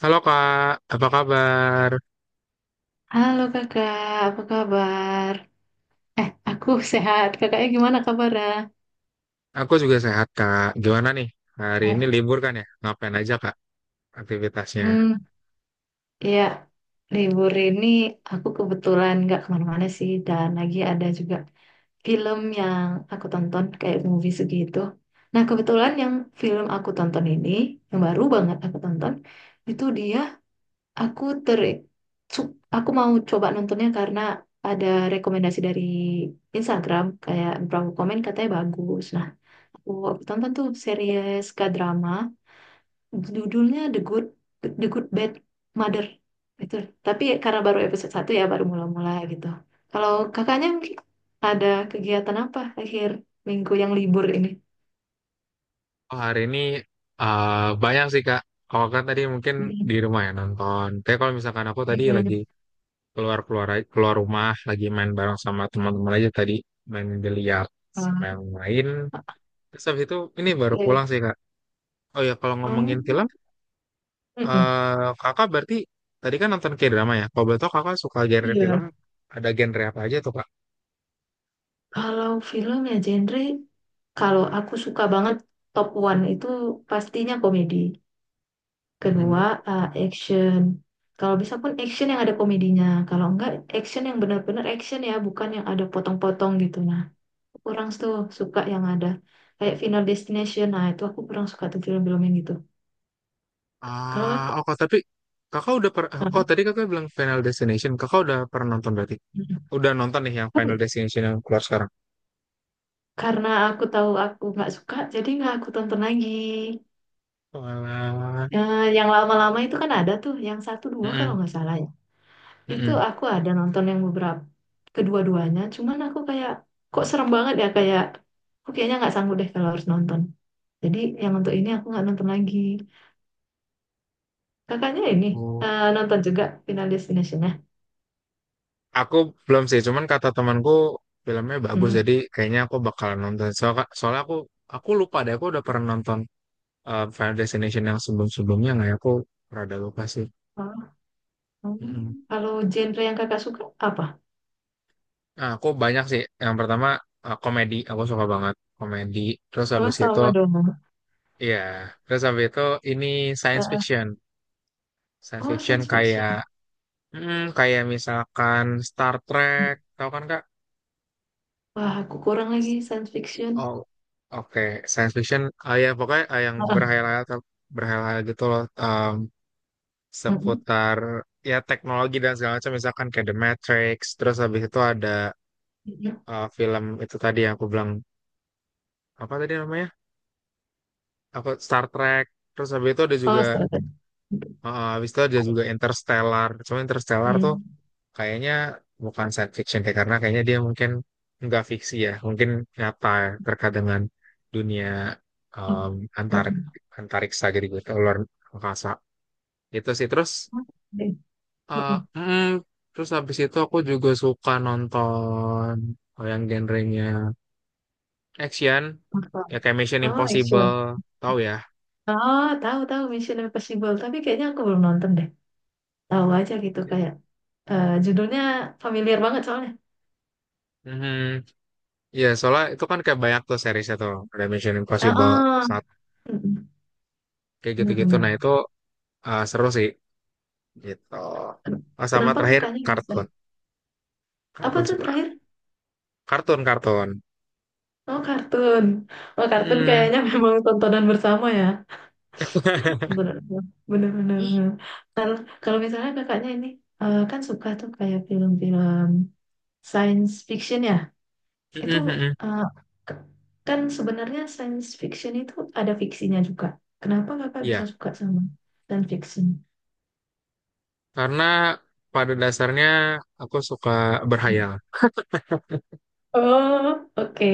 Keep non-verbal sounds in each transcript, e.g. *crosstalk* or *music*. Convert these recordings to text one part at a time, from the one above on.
Halo Kak, apa kabar? Halo kakak, apa kabar? Aku *laughs* sehat. Kakaknya gimana kabarnya? Aku juga sehat Kak. Gimana nih? Hari ini Oh. libur kan ya? Ngapain aja Kak aktivitasnya? Hmm, ya, libur ini aku kebetulan nggak kemana-mana sih. Dan lagi ada juga film yang aku tonton kayak movie segitu. Nah, kebetulan yang film aku tonton ini, yang baru banget aku tonton, itu dia aku ter... su- Aku mau coba nontonnya karena ada rekomendasi dari Instagram. Kayak beberapa komen katanya bagus. Nah, Oh, aku tonton tuh series K-drama, judulnya The Good Bad Mother. Itu. Tapi karena baru episode satu ya, baru mula-mula gitu. Kalau kakaknya mungkin ada kegiatan apa akhir minggu yang libur ini? Oh, hari ini eh, banyak sih Kak. Kalau kan tadi mungkin di Hmm, rumah ya nonton. Tapi kalau misalkan aku tadi hmm, lagi keluar-keluar keluar keluar rumah, lagi main bareng sama teman-teman aja tadi. Main biliar sama yang lain. Terus habis itu ini baru Eh, pulang sih Kak. Oh ya kalau ngomongin Oh, film, mm-mm. Kakak berarti tadi kan nonton K-drama ya? Kalau betul Kakak suka genre Iya. film, ada genre apa aja tuh Kak? Kalau film ya genre, kalau aku suka banget top one itu pastinya komedi. Kedua, Mhm. Action. Kalau bisa pun action yang ada komedinya. Kalau enggak, action yang benar-benar action ya, bukan yang ada potong-potong gitu. Nah, aku kurang tuh suka yang ada kayak Final Destination. Nah, itu aku kurang suka tuh film-film yang gitu. Kalau Ah, aku, oh, tapi kakak oh tadi kakak bilang Final Destination, kakak udah pernah nonton berarti? Udah nonton nih yang Final Destination yang keluar sekarang? karena aku tahu aku nggak suka, jadi nggak aku tonton lagi. Walah. Yang lama-lama itu kan ada tuh, yang satu dua kalau Mm-mm, nggak salah ya. Itu mm-mm. aku ada nonton yang beberapa kedua-duanya, cuman aku kayak kok serem banget ya kayak aku kayaknya nggak sanggup deh kalau harus nonton. Jadi yang untuk ini aku nggak nonton lagi. Kakaknya ini Oh. Nonton juga Final Destination ya. Aku belum sih, cuman kata temanku filmnya bagus, Hmm. jadi kayaknya aku bakalan nonton. Soalnya aku lupa deh, aku udah pernah nonton Final Destination yang sebelum-sebelumnya nggak ya? Aku rada lupa sih. Oh, hmm. Mm-mm. Kalau genre yang kakak suka apa? Nah, aku banyak sih. Yang pertama komedi, aku suka banget komedi. Terus habis itu. Sama-sama dong. Iya, terus habis itu ini Eh, science eh. fiction. Science Oh, fiction science fiction. kayak kayak misalkan Star Trek, tahu kan Kak? Wah, aku kurang lagi science fiction. Oh, oke, science fiction. Ah ya, pokoknya yang Ah, berhayal-hayal gitu loh, ah, mm, seputar ya teknologi dan segala macam misalkan kayak The Matrix, terus habis itu ada mm, mm. Film itu tadi yang aku bilang apa tadi namanya? Apa Star Trek. Terus habis itu ada juga Oh, setakat. Interstellar. Cuma Interstellar tuh Hmm. kayaknya bukan science fiction deh karena kayaknya dia mungkin nggak fiksi ya mungkin nyata terkait dengan dunia Oh, um, mm, antarik mm. antariksa gitu gitu luar angkasa itu sih Oke. eh, Mm, mm, terus habis itu aku juga suka nonton oh, yang genrenya action ya mm. kayak Mission Oh, Impossible action. tahu ya. Oh, tahu tahu Mission Impossible, tapi kayaknya aku belum nonton deh. Tahu aja gitu kayak judulnya familiar banget soalnya. Mhm. Iya, soalnya itu kan kayak banyak tuh seriesnya tuh. Ada Mission Ah, Impossible, ah. satu Mm-mm. kayak gitu-gitu. Benar-benar. Nah, itu seru sih. Gitu. Ken- Oh, sama Kenapa terakhir kakaknya bisa? kartun, Apa kartun tuh sebelah, terakhir? kartun kartun. Oh, kartun. Oh, kartun Hmm. kayaknya *laughs* memang tontonan bersama ya. *laughs* Tontonan bersama. Benar-benar. Mm, Benar. Kalau kalau misalnya kakaknya ini kan suka tuh kayak film-film science fiction ya. Itu mm, mm. eh, k- kan sebenarnya science fiction itu ada fiksinya juga. Kenapa *laughs* kakak bisa Iya, suka sama science fiction? karena pada dasarnya aku suka berhayal. Oh, oke,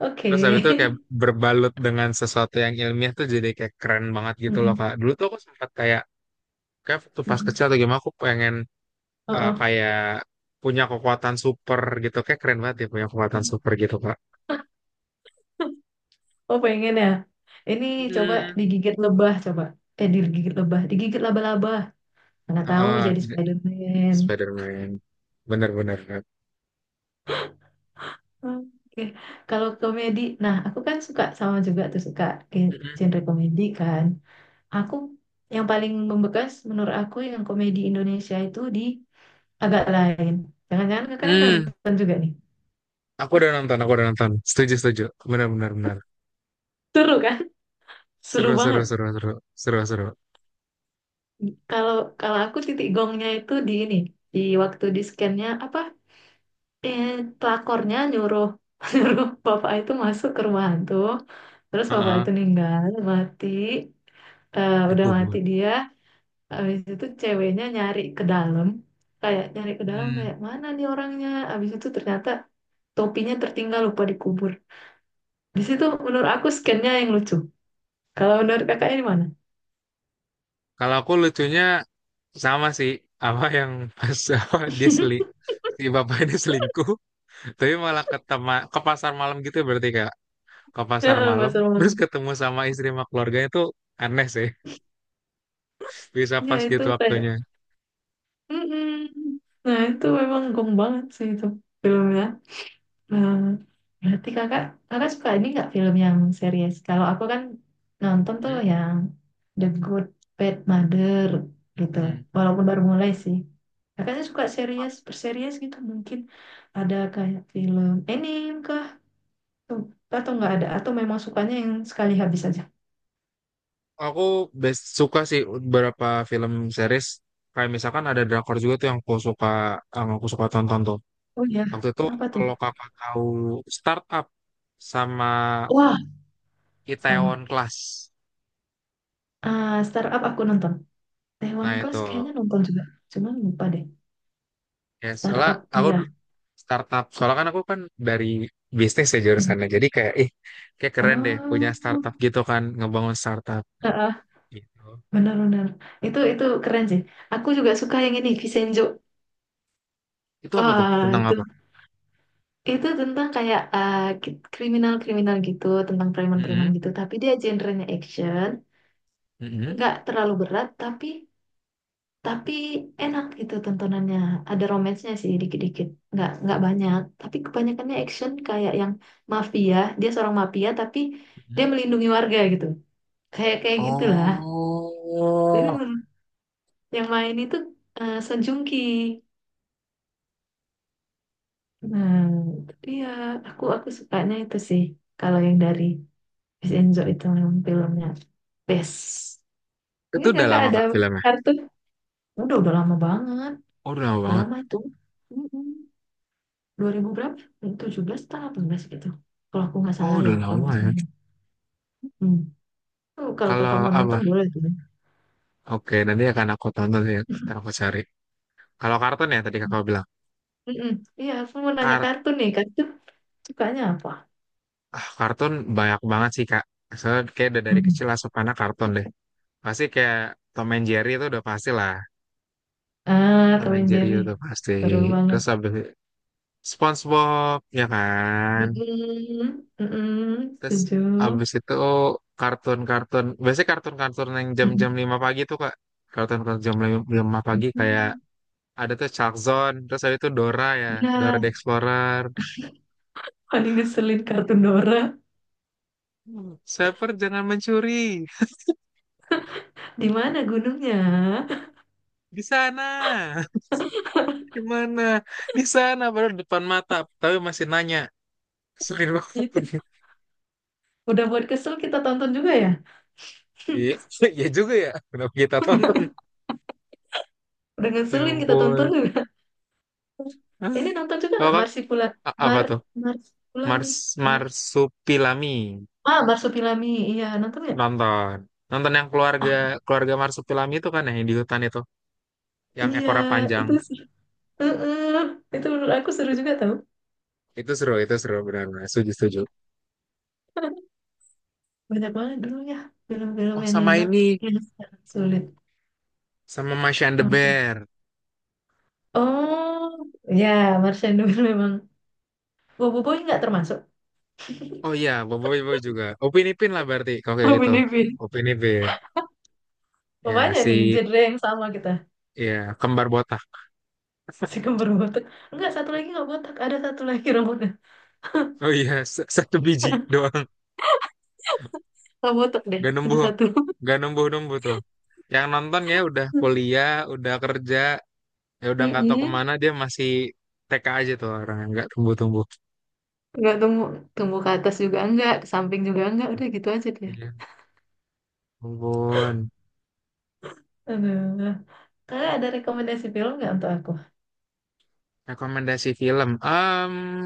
oke. Terus habis itu kayak *laughs* berbalut dengan sesuatu yang ilmiah tuh jadi kayak keren banget gitu loh Mm-mm, Kak. Dulu tuh aku sempat kayak waktu pas mm-mm. kecil atau gimana aku pengen Uh-uh. kayak punya kekuatan super gitu. Kayak keren banget ya punya kekuatan super gitu Kak. Oh, pengen ya? Ini coba Mm. digigit lebah, coba. Eh, digigit lebah, digigit laba-laba. Mana tahu Heeh, jadi Spider-Man. Spider-Man. Bener-bener Oke. Kalau komedi, nah aku kan suka sama juga tuh suka Kak. genre komedi kan. Aku yang paling membekas menurut aku yang komedi Indonesia itu di agak lain. Jangan-jangan kakaknya udah Hmm, nonton juga nih. aku udah nonton, aku udah nonton. Setuju, setuju. Benar, benar, benar. Seru kan? Seru Seru, seru, banget. seru, seru, seru, seru. Kalau kalau aku titik gongnya itu di ini, di waktu di scan-nya apa? Eh, pelakornya nyuruh *laughs* nyuruh bapak itu masuk ke rumah hantu. Terus bapak Heeh, itu meninggal, mati. Eh, udah mati dikubur. dia. Habis itu ceweknya nyari ke dalam kayak nyari ke dalam Hmm. kayak mana nih orangnya abis itu ternyata topinya tertinggal lupa dikubur. Di situ menurut aku scan-nya yang lucu. Kalau menurut kakaknya di mana? Kalau aku lucunya sama sih, apa yang pas, *laughs* apa, si bapak ini selingkuh, tapi malah ke pasar malam gitu berarti kak, ke *laughs* pasar Heeh, malam, Pasar terus Malam. ketemu sama istri sama keluarganya tuh aneh sih, bisa Ya pas itu gitu kayak, waktunya. mm-mm. Nah itu memang gong banget sih itu filmnya. Nah, berarti kakak, kakak suka ini nggak film yang series? Kalau aku kan nonton tuh yang The Good Bad Mother gitu. Hmm. Walaupun baru mulai sih. Kakaknya suka series, berseries gitu mungkin. Ada kayak film anime ke tuh atau nggak ada atau memang sukanya yang sekali habis aja. Aku best suka sih beberapa film series kayak misalkan ada drakor juga tuh yang aku suka tonton tuh. Oh ya, Waktu itu apa tuh? kalau kakak tahu Startup sama Wah, sama. Itaewon Class. Ah, startup aku nonton. Taiwan Nah itu Class kayaknya nonton juga, cuman lupa deh. ya soalnya Startup aku iya. du- startup soalnya kan aku kan dari bisnis ya Hmm. jurusannya jadi kayak ih kayak keren deh punya Oh, startup gitu kan ngebangun startup ah, gitu. benar-benar. Itu keren sih. Aku juga suka yang ini Vincenzo. Itu apa tuh? Wah, Tentang apa? itu tentang kayak kriminal-kriminal gitu, tentang preman-preman Mm-mm, gitu. Tapi dia genrenya action, mm-mm, nggak terlalu berat, tapi enak gitu tontonannya, ada romansnya sih dikit-dikit, nggak banyak tapi kebanyakannya action kayak yang mafia, dia seorang mafia tapi dia mm-mm. melindungi warga gitu, kayak kayak gitulah. jadi Oh, menurut- yang main itu Sejungki. Nah, itu dia, aku sukanya itu sih. Kalau yang dari Vincenzo itu memang filmnya best. itu Mungkin udah kakak lama ada Kak filmnya? kartu. Udah lama banget, Oh udah lama udah banget. lama itu. Mm-mm. 2000 berapa? 17 atau 18 gitu. Kalau aku nggak Oh salah ya, udah kalau lama nggak ya. salah. Hmm. Oh, kalau Kalau kakak mau apa? nonton boleh tuh. Oke nanti akan aku tonton ya. Ntar *laughs* aku cari. Kalau kartun ya tadi kakak bilang. Mm-mm. Iya, aku mau nanya Kar kartun nih. Kartun sukanya apa? kartun banyak banget sih Kak. Soalnya kayak udah dari Mm. kecil asupannya kartun deh. Pasti kayak Tom and Jerry itu udah pasti lah. Ah, Tom Tom and and Jerry Jerry. itu pasti. Seru banget. Terus abis SpongeBob ya kan. Mm-mm. Mm-mm. Terus Setuju. abis itu kartun-kartun. Biasanya kartun-kartun yang jam-jam Mm-mm. 5 pagi tuh Kak. Kartun-kartun jam 5 pagi kayak ada tuh Chuck Zone, terus ada itu Dora ya, Iya, Dora the Explorer. paling ngeselin kartun Dora. Hmm. Shepard jangan mencuri Di mana gunungnya? di sana. *laughs* Gimana? Di sana baru depan mata, tapi masih nanya. Sering banget. *laughs* Itu. Udah buat kesel kita tonton juga ya? Iya, iya juga ya. Kenapa kita tonton? Udah Ya ngeselin kita tonton. ampun. Hah? Ini nonton juga Kalau nggak kan Marsipula. Apa Mar tuh? Marsupilami. Mars Mar Marsupilami Marsupilami iya, nonton nggak? nonton. Nonton yang keluarga keluarga Marsupilami itu kan ya, yang di hutan itu, yang Iya ekornya panjang. itu sih. Heeh, itu menurut aku seru juga tau. Itu seru benar-benar. Setuju, setuju. *laughs* Banyak banget dulu ya film-film Oh, yang sama enak, ini, yang sekarang sulit. sama Masha and the Ampun. Bear. Oh ya, Marsha Nur *laughs* memang. Bobo Boy nggak termasuk. Oh iya, Boboiboy Boy juga. Upin Ipin lah berarti, kalau kayak Oh, gitu. bener. Upin Ipin. Oh, Ya, banyak nih si, genre yang sama kita. ya, kembar botak. Si kembar botak, enggak satu lagi nggak botak, ada satu lagi *laughs* rambutnya Oh iya, satu biji *laughs* doang. nggak botak deh, Gak ada numbuh, satu. *laughs* gak numbuh-numbuh tuh. Yang nonton ya udah kuliah, udah kerja, ya udah nggak tahu Mm-mm. kemana, dia masih TK aja tuh orang, nggak tumbuh-tumbuh. Nggak tumbuh, tumbuh ke atas juga enggak, ke samping juga enggak, udah gitu aja dia. Iya, ampun. Aduh. Kakak ada rekomendasi film nggak untuk aku? Rekomendasi film.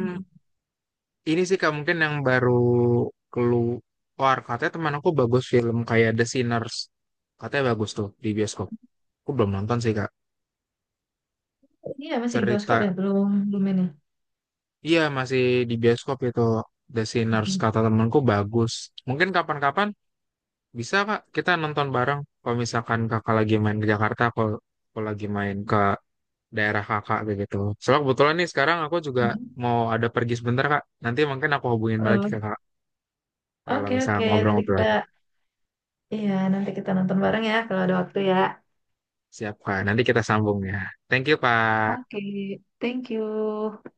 Mm. Ini sih Kak mungkin yang baru keluar. Katanya teman aku bagus film kayak The Sinners. Katanya bagus tuh di bioskop. Aku belum nonton sih Kak. Ini ya masih di bioskop Cerita, ya? Belum, belum ini. iya masih di bioskop itu The Sinners. Mhm. Kata temanku bagus. Mungkin kapan-kapan bisa Kak kita nonton bareng. Kalau misalkan Kakak lagi main ke Jakarta, kalau lagi main ke daerah Kakak kayak gitu. Soalnya kebetulan nih sekarang aku juga Mm. mau ada pergi sebentar Kak. Nanti mungkin aku hubungin balik ke Eh, Kakak kalau oke, misalnya oke. Nanti ngobrol-ngobrol. kita, iya, nanti kita nonton bareng ya kalau ada waktu ya. Siap, Pak. Nanti kita sambung ya. Thank you, Pak. Oke, thank you.